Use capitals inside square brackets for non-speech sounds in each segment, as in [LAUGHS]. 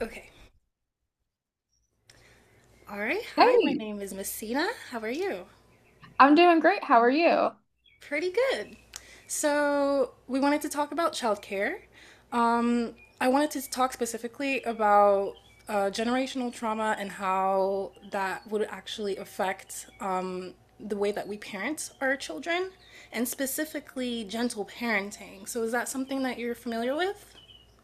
Okay. All right. Hi, my Hey, name is Messina. How are you? I'm doing great. How are you? Pretty good. So, we wanted to talk about childcare. Um, I wanted to talk specifically about generational trauma and how that would actually affect the way that we parent our children, and specifically gentle parenting. So, is that something that you're familiar with?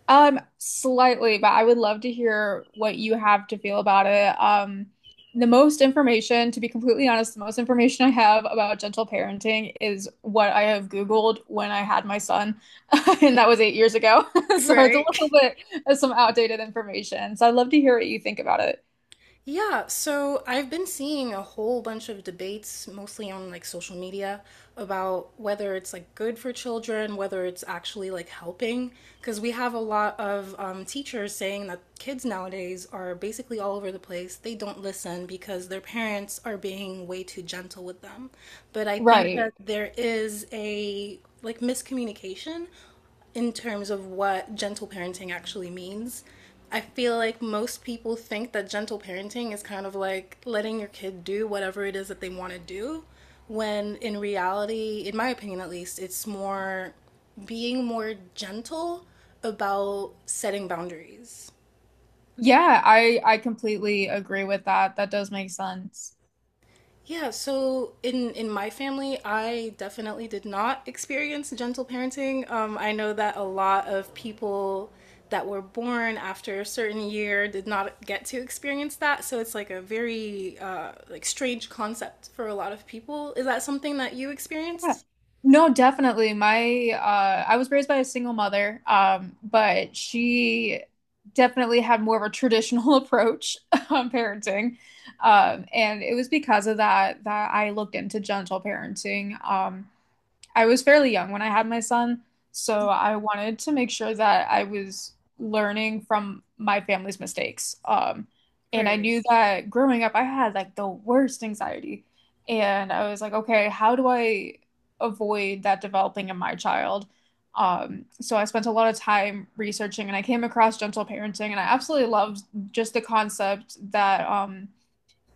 Slightly, but I would love to hear what you have to feel about it. The most information, to be completely honest, the most information I have about gentle parenting is what I have Googled when I had my son, [LAUGHS] and that was 8 years ago. [LAUGHS] [LAUGHS] So it's a Right. little bit of some outdated information. So I'd love to hear what you think about it. Yeah, so I've been seeing a whole bunch of debates, mostly on like social media, about whether it's like good for children, whether it's actually like helping. Because we have a lot of teachers saying that kids nowadays are basically all over the place. They don't listen because their parents are being way too gentle with them. But I think Right. that there is a like miscommunication in terms of what gentle parenting actually means. I feel like most people think that gentle parenting is kind of like letting your kid do whatever it is that they want to do, when in reality, in my opinion at least, it's more being more gentle about setting boundaries. Yeah, I completely agree with that. That does make sense. Yeah, so in my family, I definitely did not experience gentle parenting. I know that a lot of people that were born after a certain year did not get to experience that, so it's like a very like strange concept for a lot of people. Is that something that you Yeah. experienced? No, definitely. My I was raised by a single mother, but she definitely had more of a traditional [LAUGHS] approach on parenting. And it was because of that I looked into gentle parenting. I was fairly young when I had my son, so I wanted to make sure that I was learning from my family's mistakes. And I Right, knew that growing up, I had like the worst anxiety. And I was like, okay, how do I avoid that developing in my child? So I spent a lot of time researching and I came across gentle parenting and I absolutely loved just the concept that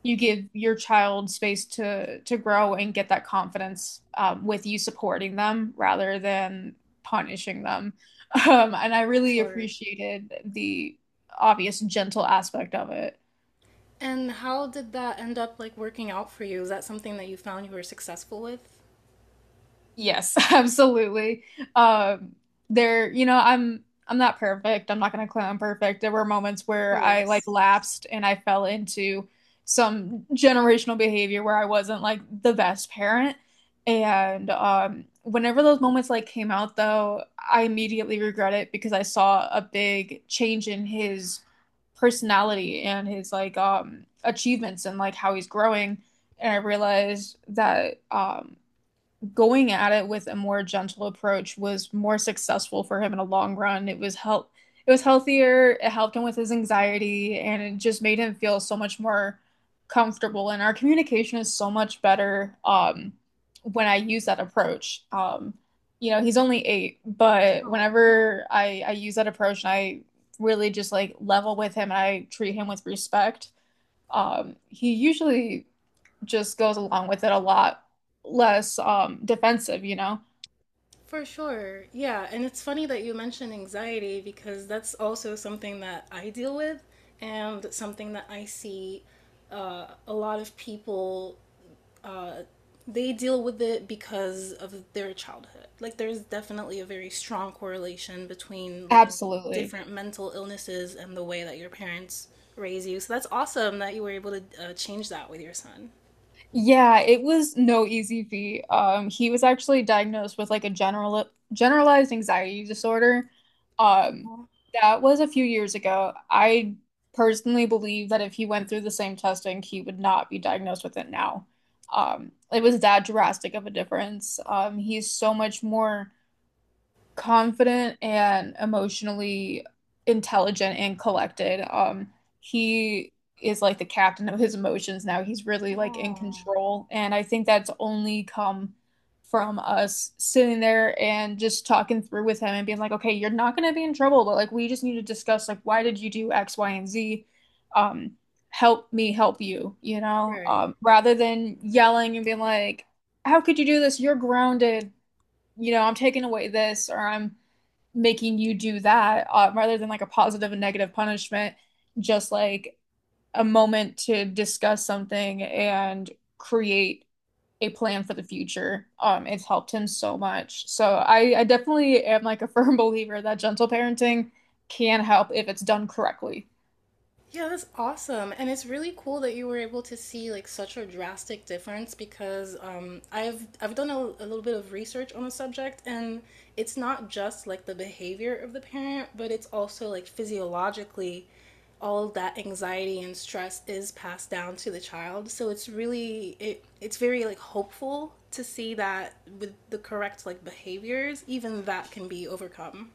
you give your child space to grow and get that confidence with you supporting them rather than punishing them. [LAUGHS] And I for really sure. appreciated the obvious gentle aspect of it. And how did that end up like working out for you? Is that something that you found you were successful with? Of Yes, [LAUGHS] absolutely. Um, there, you know, I'm not perfect. I'm not gonna claim I'm perfect. There were moments where I like course. lapsed and I fell into some generational behavior where I wasn't like the best parent. And whenever those moments like came out though, I immediately regret it because I saw a big change in his personality and his like achievements and like how he's growing. And I realized that going at it with a more gentle approach was more successful for him in the long run. It was healthier, it helped him with his anxiety and it just made him feel so much more comfortable and our communication is so much better when I use that approach. You know, he's only 8, but whenever I use that approach and I really just like level with him and I treat him with respect, he usually just goes along with it a lot less defensive, you know? For sure. Yeah. And it's funny that you mentioned anxiety because that's also something that I deal with and something that I see a lot of people, uh, they deal with it because of their childhood. Like, there's definitely a very strong correlation between like Absolutely. different mental illnesses and the way that your parents raise you. So that's awesome that you were able to change that with your son. Yeah, it was no easy feat. He was actually diagnosed with like a generalized anxiety disorder. Um, that was a few years ago. I personally believe that if he went through the same testing, he would not be diagnosed with it now. It was that drastic of a difference. He's so much more confident and emotionally intelligent and collected. He is like the captain of his emotions now. He's really like in Oh. control. And I think that's only come from us sitting there and just talking through with him and being like, okay, you're not going to be in trouble, but like we just need to discuss like why did you do X, Y, and Z? Um, Help me help you, you know? Right. Rather than yelling and being like, how could you do this? You're grounded. You know, I'm taking away this or I'm making you do that, rather than like a positive and negative punishment, just like a moment to discuss something and create a plan for the future. It's helped him so much. So I definitely am like a [LAUGHS] firm believer that gentle parenting can help if it's done correctly. Yeah, that's awesome. And it's really cool that you were able to see like such a drastic difference because I've done a little bit of research on the subject, and it's not just like the behavior of the parent, but it's also like physiologically all that anxiety and stress is passed down to the child. So it's really it's very like hopeful to see that with the correct like behaviors, even that can be overcome.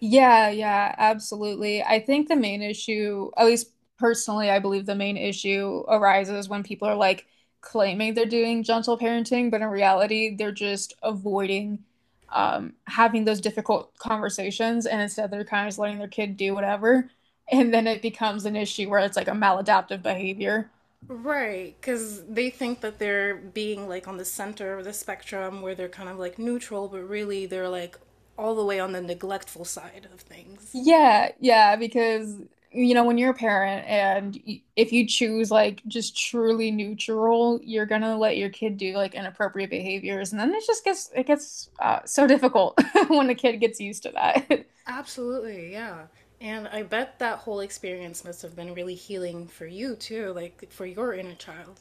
Yeah, yeah, absolutely. I think the main issue, at least personally, I believe the main issue arises when people are like claiming they're doing gentle parenting, but in reality, they're just avoiding having those difficult conversations, and instead they're kind of just letting their kid do whatever. And then it becomes an issue where it's like a maladaptive behavior. Right, because they think that they're being like on the center of the spectrum where they're kind of like neutral, but really they're like all the way on the neglectful side of things. Yeah, yeah, because you know when you're a parent and y if you choose like just truly neutral, you're gonna let your kid do like inappropriate behaviors, and then it just gets so difficult [LAUGHS] when the kid gets used to that. [LAUGHS] Absolutely, yeah. And I bet that whole experience must have been really healing for you too, like for your inner child.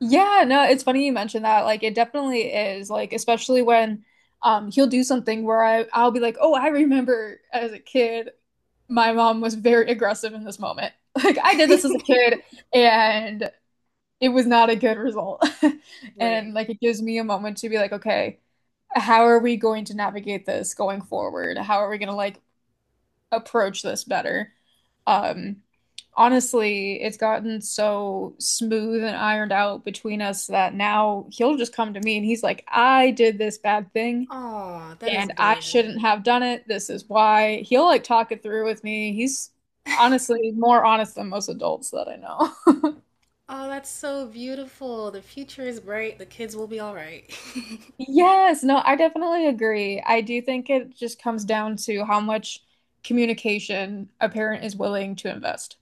Yeah, no, it's funny you mentioned that. Like it definitely is. Like especially when he'll do something where I'll be like, "Oh, I remember as a kid, my mom was very aggressive in this moment. [LAUGHS] Like I did this as a kid." And it was not a good result. [LAUGHS] And Right. like it gives me a moment to be like, okay, how are we going to navigate this going forward? How are we going to like approach this better? Um, Honestly, it's gotten so smooth and ironed out between us that now he'll just come to me and he's like, I did this bad thing. Aw, that Yeah. is And I adorable. shouldn't have done it. This is why. He'll like talk it through with me. He's honestly more honest than most adults that I know. [LAUGHS] Oh, that's so beautiful. The future is bright. The kids will be all right. [LAUGHS] Yes, no, I definitely agree. I do think it just comes down to how much communication a parent is willing to invest.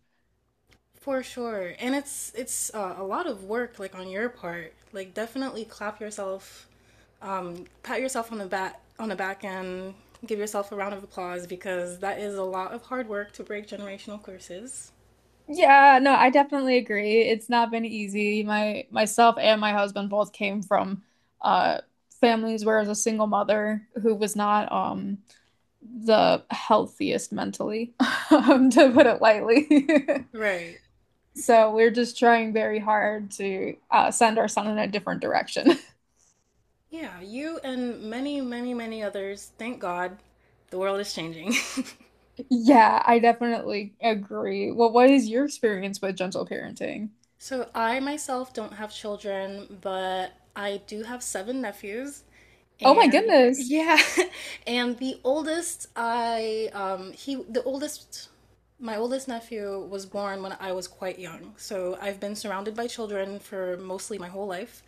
For sure. And it's a lot of work like on your part. Like definitely clap yourself pat yourself on the back and give yourself a round of applause because that is a lot of hard work to break generational curses. Yeah, no, I definitely agree. It's not been easy. My Myself and my husband both came from uh families where I was a single mother who was not the healthiest mentally, [LAUGHS] to put it lightly. [LAUGHS] Right. So we're just trying very hard to send our son in a different direction. Yeah, you and many, many, many others, thank God, the world is changing. Yeah, I definitely agree. Well, what is your experience with gentle parenting? [LAUGHS] So I myself don't have children, but I do have seven nephews. Oh my And goodness. yeah, [LAUGHS] and the oldest I he the oldest my oldest nephew was born when I was quite young. So I've been surrounded by children for mostly my whole life.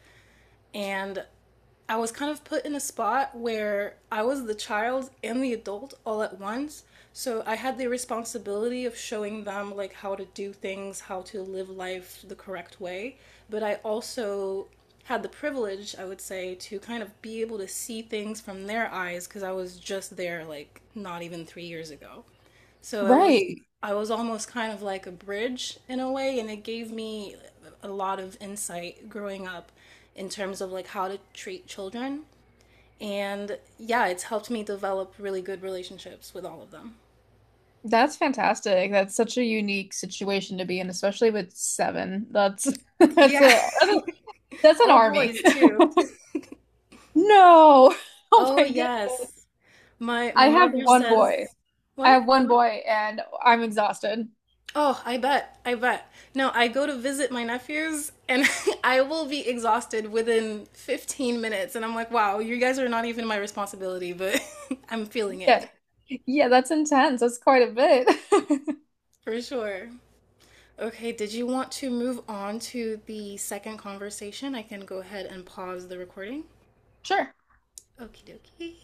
And I was kind of put in a spot where I was the child and the adult all at once. So I had the responsibility of showing them like how to do things, how to live life the correct way, but I also had the privilege, I would say, to kind of be able to see things from their eyes because I was just there like not even 3 years ago. So it was Right. I was almost kind of like a bridge in a way, and it gave me a lot of insight growing up in terms of like how to treat children. And yeah, it's helped me develop really good relationships with all of them. That's fantastic. That's such a unique situation to be in, especially with seven. That's [LAUGHS] that's Yeah, a that's, a, that's [LAUGHS] an all army. boys [LAUGHS] too. No. Oh Oh my goodness. yes. My I my have mother one boy. says, I what? have one boy and I'm exhausted. Oh, I bet. I bet. No, I go to visit my nephews and [LAUGHS] I will be exhausted within 15 minutes. And I'm like, wow, you guys are not even my responsibility, but [LAUGHS] I'm feeling it Yeah. Yeah, that's intense. That's quite a bit. [LAUGHS] for sure. Okay, did you want to move on to the second conversation? I can go ahead and pause the recording. Sure. Okie dokie.